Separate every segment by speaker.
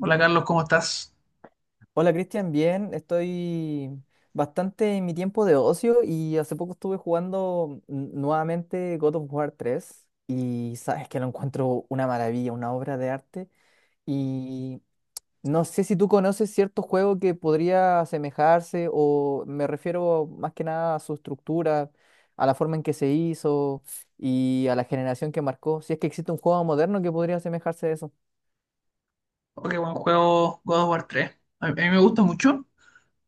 Speaker 1: Hola Carlos, ¿cómo estás?
Speaker 2: Hola Cristian, bien, estoy bastante en mi tiempo de ocio y hace poco estuve jugando nuevamente God of War tres, y sabes que lo encuentro una maravilla, una obra de arte. Y no sé si tú conoces cierto juego que podría asemejarse, o me refiero más que nada a su estructura, a la forma en que se hizo y a la generación que marcó, si es que existe un juego moderno que podría asemejarse a eso.
Speaker 1: Ok, buen juego God of War tres. A mí me gusta mucho.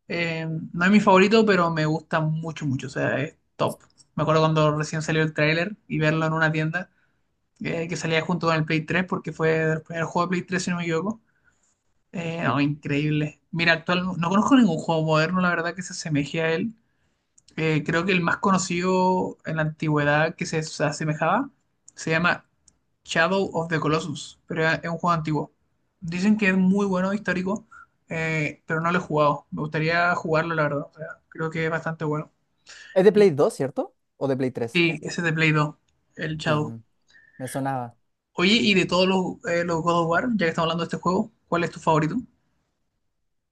Speaker 1: Eh, no es mi favorito, pero me gusta mucho, mucho. O sea, es top. Me acuerdo cuando recién salió el tráiler y verlo en una tienda que salía junto con el Play tres, porque fue el primer juego de Play 3, si no me equivoco. No,
Speaker 2: Sí.
Speaker 1: increíble. Mira, actual, no conozco ningún juego moderno, la verdad, que se asemeje a él. Creo que el más conocido en la antigüedad que se asemejaba se llama Shadow of the Colossus, pero es un juego antiguo. Dicen que es muy bueno, histórico, pero no lo he jugado. Me gustaría jugarlo, la verdad. O sea, creo que es bastante bueno.
Speaker 2: ¿Es de Play
Speaker 1: Y
Speaker 2: dos, cierto? ¿O de Play tres?
Speaker 1: sí, ese es de Play 2, el
Speaker 2: Sí,
Speaker 1: Shadow.
Speaker 2: me sonaba.
Speaker 1: Oye, y de todos los God of War, ya que estamos hablando de este juego, ¿cuál es tu favorito?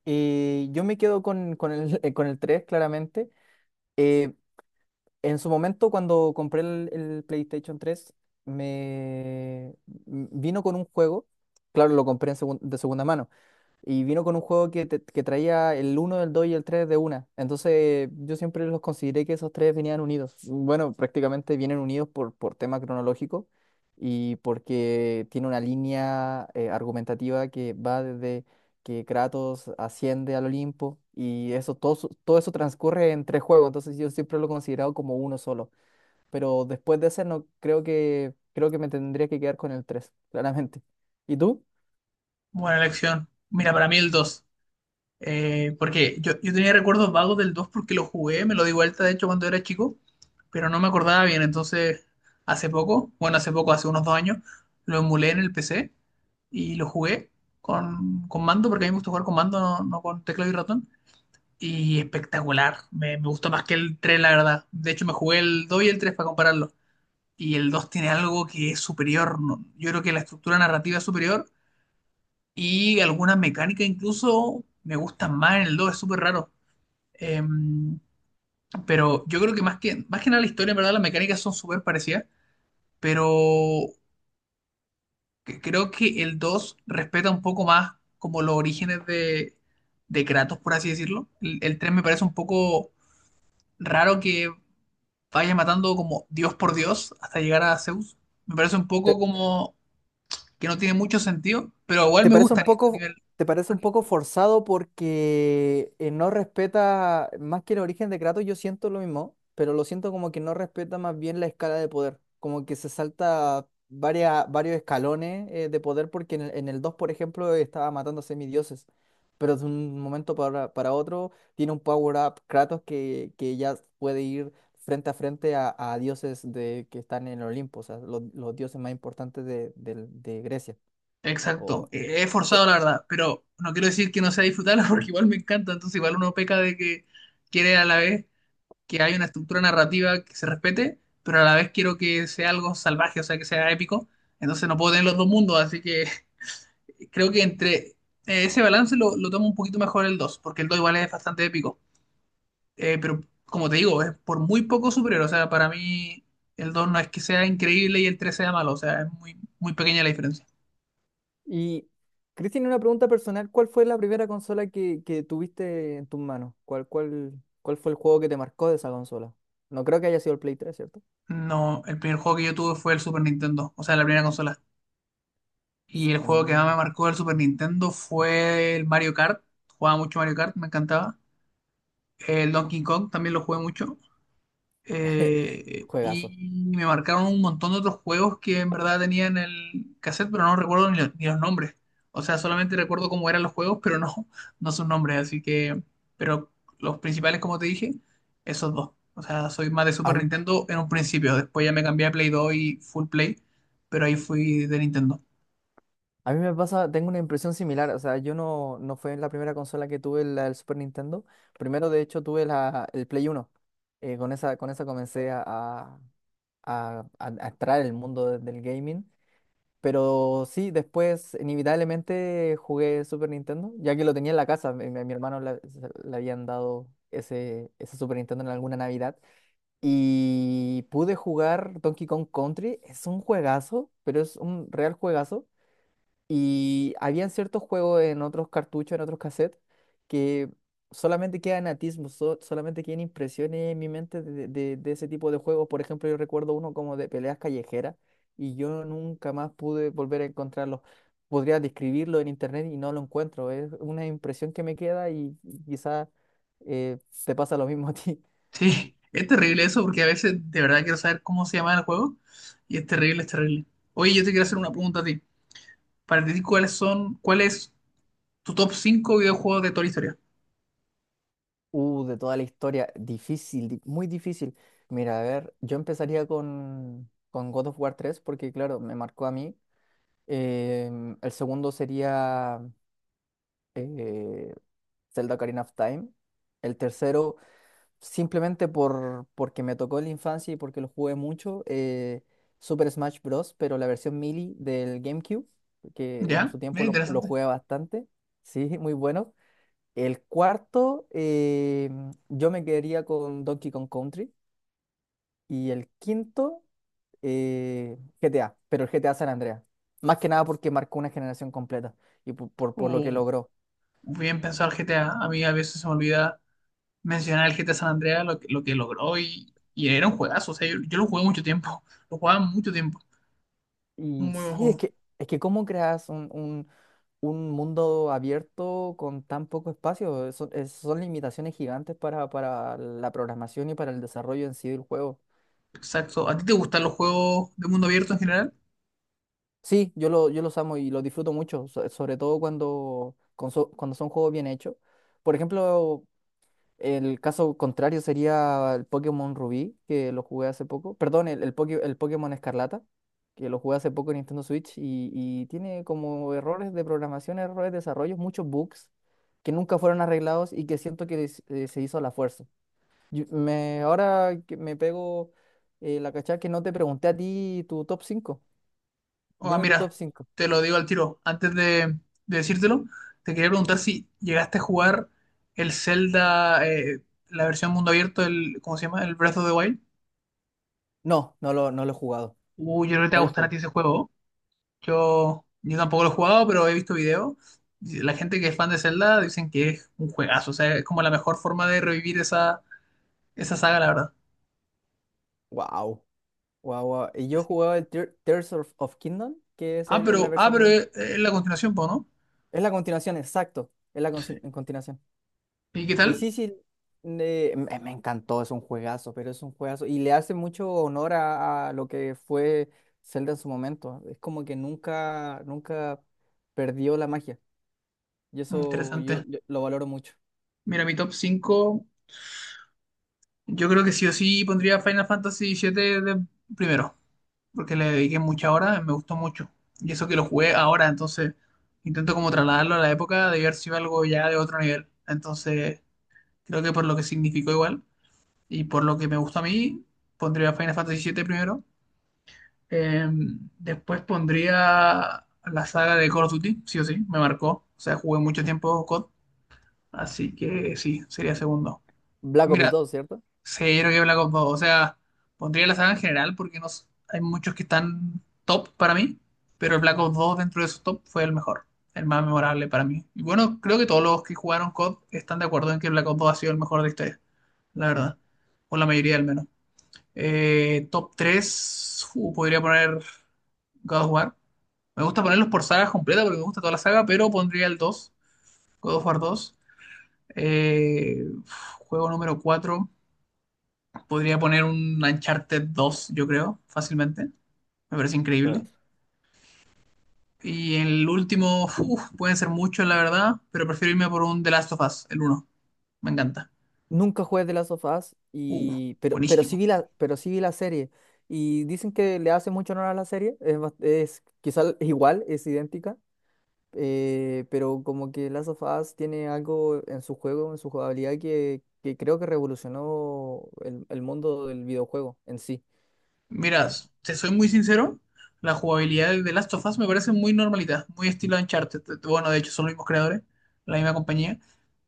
Speaker 2: Yo me quedo con el, con el 3 claramente. Eh, en su momento, cuando compré el PlayStation tres me vino con un juego, claro, lo compré en de segunda mano, y vino con un juego que, que traía el uno, el 2 y el 3 de una. Entonces yo siempre los consideré que esos tres venían unidos. Bueno, prácticamente vienen unidos por tema cronológico y porque tiene una línea argumentativa que va desde que Kratos asciende al Olimpo y eso todo, todo eso transcurre en tres juegos. Entonces yo siempre lo he considerado como uno solo. Pero después de ese no creo que me tendría que quedar con el 3 claramente. ¿Y tú?
Speaker 1: Buena elección. Mira, para mí el 2. Porque yo tenía recuerdos vagos del 2 porque lo jugué, me lo di vuelta de hecho cuando era chico, pero no me acordaba bien. Entonces, hace poco, hace unos dos años, lo emulé en el PC y lo jugué con mando, porque a mí me gusta jugar con mando, no con teclado y ratón. Y espectacular, me gustó más que el 3 la verdad. De hecho, me jugué el 2 y el 3 para compararlo. Y el 2 tiene algo que es superior, ¿no? Yo creo que la estructura narrativa es superior y alguna mecánica incluso me gustan más en el dos, es súper raro. Em, pero yo creo que más que nada la historia, en verdad, las mecánicas son súper parecidas, pero creo que el 2 respeta un poco más como los orígenes de Kratos, por así decirlo. El 3 me parece un poco raro que vaya matando como Dios por Dios hasta llegar a Zeus. Me parece un poco como que no tiene mucho sentido, pero igual
Speaker 2: Te
Speaker 1: me
Speaker 2: parece un
Speaker 1: gusta a ni- a
Speaker 2: poco,
Speaker 1: nivel.
Speaker 2: Te parece un poco forzado porque no respeta, más que el origen de Kratos, yo siento lo mismo, pero lo siento como que no respeta más bien la escala de poder, como que se salta varias, varios escalones de poder, porque en el 2, por ejemplo, estaba matando a semidioses, pero de un momento para otro tiene un power-up Kratos que ya puede ir frente a frente a dioses de, que están en el Olimpo, o sea, los dioses más importantes de, de Grecia.
Speaker 1: Exacto, he forzado la verdad, pero no quiero decir que no sea disfrutarla porque igual me encanta, entonces igual uno peca de que quiere a la vez que haya una estructura narrativa que se respete, pero a la vez quiero que sea algo salvaje, o sea, que sea épico, entonces no puedo tener los dos mundos, así que creo que entre ese balance lo tomo un poquito mejor el 2, porque el 2 igual es bastante épico. Pero como te digo, es por muy poco superior, o sea, para mí el 2 no es que sea increíble y el 3 sea malo, o sea, es muy, muy pequeña la diferencia.
Speaker 2: Y Cristian, una pregunta personal, ¿cuál fue la primera consola que tuviste en tus manos? ¿Cuál, cuál, cuál fue el juego que te marcó de esa consola? No creo que haya sido el Play 3, ¿cierto?
Speaker 1: No, el primer juego que yo tuve fue el Super Nintendo, o sea, la primera consola. Y el juego que más
Speaker 2: Mm,
Speaker 1: me marcó del Super Nintendo fue el Mario Kart. Jugaba mucho Mario Kart, me encantaba. El Donkey Kong también lo jugué mucho,
Speaker 2: juegazo.
Speaker 1: y me marcaron un montón de otros juegos que en verdad tenía en el cassette, pero no recuerdo ni los nombres. O sea, solamente recuerdo cómo eran los juegos, pero no, no sus nombres. Así que, pero los principales, como te dije, esos dos. O sea, soy más de
Speaker 2: A
Speaker 1: Super
Speaker 2: mí,
Speaker 1: Nintendo en un principio. Después ya me cambié a Play 2 y Full Play, pero ahí fui de Nintendo.
Speaker 2: a mí me pasa, tengo una impresión similar, o sea, yo no, no fue la primera consola que tuve la del Super Nintendo. Primero, de hecho, tuve el Play Uno. Con esa, con esa comencé a, a- a entrar en el mundo del gaming. Pero sí, después inevitablemente jugué Super Nintendo, ya que lo tenía en la casa. Mi, mi hermano le habían dado ese, ese Super Nintendo en alguna Navidad. Y pude jugar Donkey Kong Country. Es un juegazo, pero es un real juegazo. Y habían ciertos juegos en otros cartuchos, en otros cassettes, que solamente quedan atismos, solamente quedan impresiones en mi mente de, de ese tipo de juegos. Por ejemplo, yo recuerdo uno como de peleas callejeras, y yo nunca más pude volver a encontrarlo. Podría describirlo en internet y no lo encuentro. Es una impresión que me queda y quizás te pasa lo mismo a ti.
Speaker 1: Sí, es terrible eso porque a veces de verdad quiero saber cómo se llama el juego y es terrible, es terrible. Oye, yo te quiero hacer una pregunta a ti. Para ti, ¿cuál es tu top 5 videojuegos de toda la historia?
Speaker 2: De toda la historia, difícil, muy difícil. Mira, a ver, yo empezaría con God of War tres porque, claro, me marcó a mí. El segundo sería eh, Zelda Ocarina of Time. El tercero, simplemente por, porque me tocó en la infancia y porque lo jugué mucho, Super Smash Bros., pero la versión Melee del GameCube, que en
Speaker 1: ¿Ya?
Speaker 2: su tiempo
Speaker 1: Mira,
Speaker 2: lo
Speaker 1: interesante.
Speaker 2: jugué bastante. Sí, muy bueno. El cuarto, yo me quedaría con Donkey Kong Country. Y el quinto, GTA, pero el GTA San Andreas. Más que nada porque marcó una generación completa y por, por lo que
Speaker 1: Uh,
Speaker 2: logró.
Speaker 1: bien pensado el GTA. A mí a veces se me olvida mencionar el GTA San Andreas, lo que logró y era un juegazo. O sea, yo lo jugué mucho tiempo. Lo jugaba mucho tiempo. Un
Speaker 2: Y
Speaker 1: muy buen
Speaker 2: sí,
Speaker 1: juego.
Speaker 2: es que cómo creas un, un mundo abierto con tan poco espacio. Son, son limitaciones gigantes para la programación y para el desarrollo en sí del juego.
Speaker 1: Exacto. ¿A ti te gustan los juegos de mundo abierto en general?
Speaker 2: Sí, yo los amo y los disfruto mucho, sobre todo cuando, cuando son juegos bien hechos. Por ejemplo, el caso contrario sería el Pokémon Rubí, que lo jugué hace poco. Perdón, el Pokémon Escarlata, que lo jugué hace poco en Nintendo Switch, y tiene como errores de programación, errores de desarrollo, muchos bugs que nunca fueron arreglados y que siento que se hizo a la fuerza. Ahora que me pego la cachada que no te pregunté a ti tu top 5.
Speaker 1: O ah,
Speaker 2: Dime tu top
Speaker 1: mira,
Speaker 2: 5.
Speaker 1: te lo digo al tiro. De decírtelo, te quería preguntar si llegaste a jugar el Zelda, la versión mundo abierto, el, ¿cómo se llama? El Breath of the Wild.
Speaker 2: No, no lo he jugado.
Speaker 1: Uy, yo creo que te
Speaker 2: No
Speaker 1: va a
Speaker 2: lo
Speaker 1: gustar a
Speaker 2: jugué.
Speaker 1: ti ese juego. Yo tampoco lo he jugado, pero he visto videos. La gente que es fan de Zelda dicen que es un juegazo, o sea, es como la mejor forma de revivir esa saga, la verdad.
Speaker 2: Wow. Wow, wow. Y yo
Speaker 1: Así.
Speaker 2: jugaba el Tears of, of Kingdom, que es
Speaker 1: Ah,
Speaker 2: la
Speaker 1: pero, ah,
Speaker 2: versión
Speaker 1: pero
Speaker 2: de.
Speaker 1: es la continuación, po, ¿no?
Speaker 2: Es la continuación, exacto. Es la en continuación.
Speaker 1: ¿Y qué
Speaker 2: Y
Speaker 1: tal?
Speaker 2: sí, sí. Me, me encantó, es un juegazo, pero es un juegazo. Y le hace mucho honor a lo que fue Zelda en su momento. Es como que nunca, nunca perdió la magia. Y
Speaker 1: Mm,
Speaker 2: eso yo,
Speaker 1: interesante.
Speaker 2: yo lo valoro mucho.
Speaker 1: Mira, mi top 5 yo creo que sí o sí pondría Final Fantasy siete de primero, porque le dediqué mucha hora, me gustó mucho. Y eso que lo jugué ahora, entonces intento como trasladarlo a la época de haber sido algo ya de otro nivel. Entonces, creo que por lo que significó igual. Y por lo que me gusta a mí, pondría Final Fantasy siete primero. Eh, Después pondría la saga de Call of Duty, sí o sí, me marcó. O sea, jugué mucho tiempo COD, así que sí, sería segundo.
Speaker 2: ¿Black Ops
Speaker 1: Mira,
Speaker 2: dos, cierto?
Speaker 1: cero que Black Ops dos. O sea, pondría la saga en general porque no, hay muchos que están top para mí, pero el Black Ops dos dentro de esos top fue el mejor, el más memorable para mí. Y bueno, creo que todos los que jugaron COD están de acuerdo en que Black Ops dos ha sido el mejor de la historia, la
Speaker 2: Mm.
Speaker 1: verdad. O la mayoría al menos. Top 3, podría poner God of War. Me gusta ponerlos por sagas completas porque me gusta toda la saga, pero pondría el 2, God of War dos. Eh, juego número 4, podría poner un Uncharted dos, yo creo, fácilmente. Me parece increíble.
Speaker 2: Juegazo.
Speaker 1: Y el último, uf, pueden ser muchos, la verdad, pero prefiero irme por un The Last of Us, el uno. Me encanta.
Speaker 2: Nunca jugué de Last of Us,
Speaker 1: Uh,
Speaker 2: y, pero, sí
Speaker 1: buenísimo.
Speaker 2: vi la, pero sí vi la serie. Y dicen que le hace mucho honor a la serie. Es, es quizá igual, es idéntica. Pero como que Last of Us tiene algo en su juego, en su jugabilidad, que creo que revolucionó el mundo del videojuego en sí,
Speaker 1: Mira, te soy muy sincero, la jugabilidad de The Last of Us me parece muy normalita, muy estilo Uncharted. Bueno, de hecho son los mismos creadores, la misma compañía.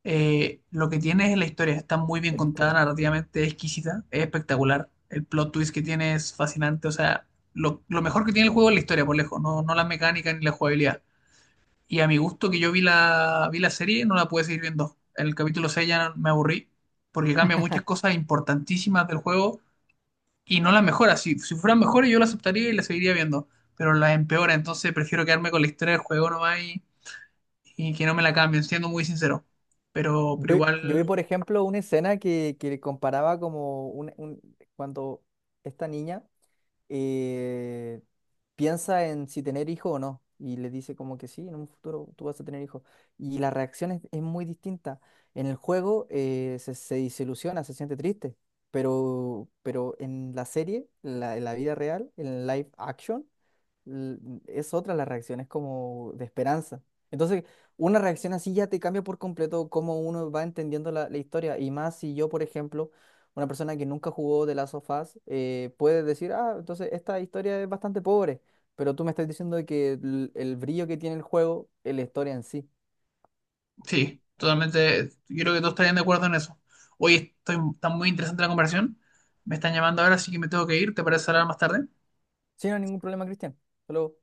Speaker 1: Lo que tiene es la historia, está muy bien
Speaker 2: de la
Speaker 1: contada,
Speaker 2: historia.
Speaker 1: narrativamente exquisita, es espectacular. El plot twist que tiene es fascinante, o sea, lo mejor que tiene el juego es la historia, por lejos, no la mecánica ni la jugabilidad. Y a mi gusto que yo vi la serie, no la pude seguir viendo. En el capítulo 6 ya me aburrí, porque cambia muchas cosas importantísimas del juego y no las mejora. Si fueran mejores, yo las aceptaría y las seguiría viendo, pero las empeora. Entonces prefiero quedarme con la historia del juego nomás y que no me la cambien, siendo muy sincero. Pero, pero
Speaker 2: Yo vi,
Speaker 1: igual,
Speaker 2: por ejemplo, una escena que comparaba como un, cuando esta niña eh, piensa en si tener hijo o no. Y le dice como que sí, en un futuro tú vas a tener hijo. Y la reacción es muy distinta. En el juego se, se desilusiona, se siente triste. Pero en la serie, en la vida real, en live action, l- es otra la reacción, es como de esperanza. Entonces, una reacción así ya te cambia por completo cómo uno va entendiendo la, la historia. Y más si yo, por ejemplo, una persona que nunca jugó de Last of Us, puede decir, ah, entonces esta historia es bastante pobre, pero tú me estás diciendo de que el brillo que tiene el juego es la historia en sí.
Speaker 1: sí, totalmente. Yo creo que todos estarían de acuerdo en eso. Hoy estoy, está muy interesante la conversación. Me están llamando ahora, así que me tengo que ir. ¿Te parece hablar más tarde?
Speaker 2: Sin ningún problema, Cristian. Hasta luego.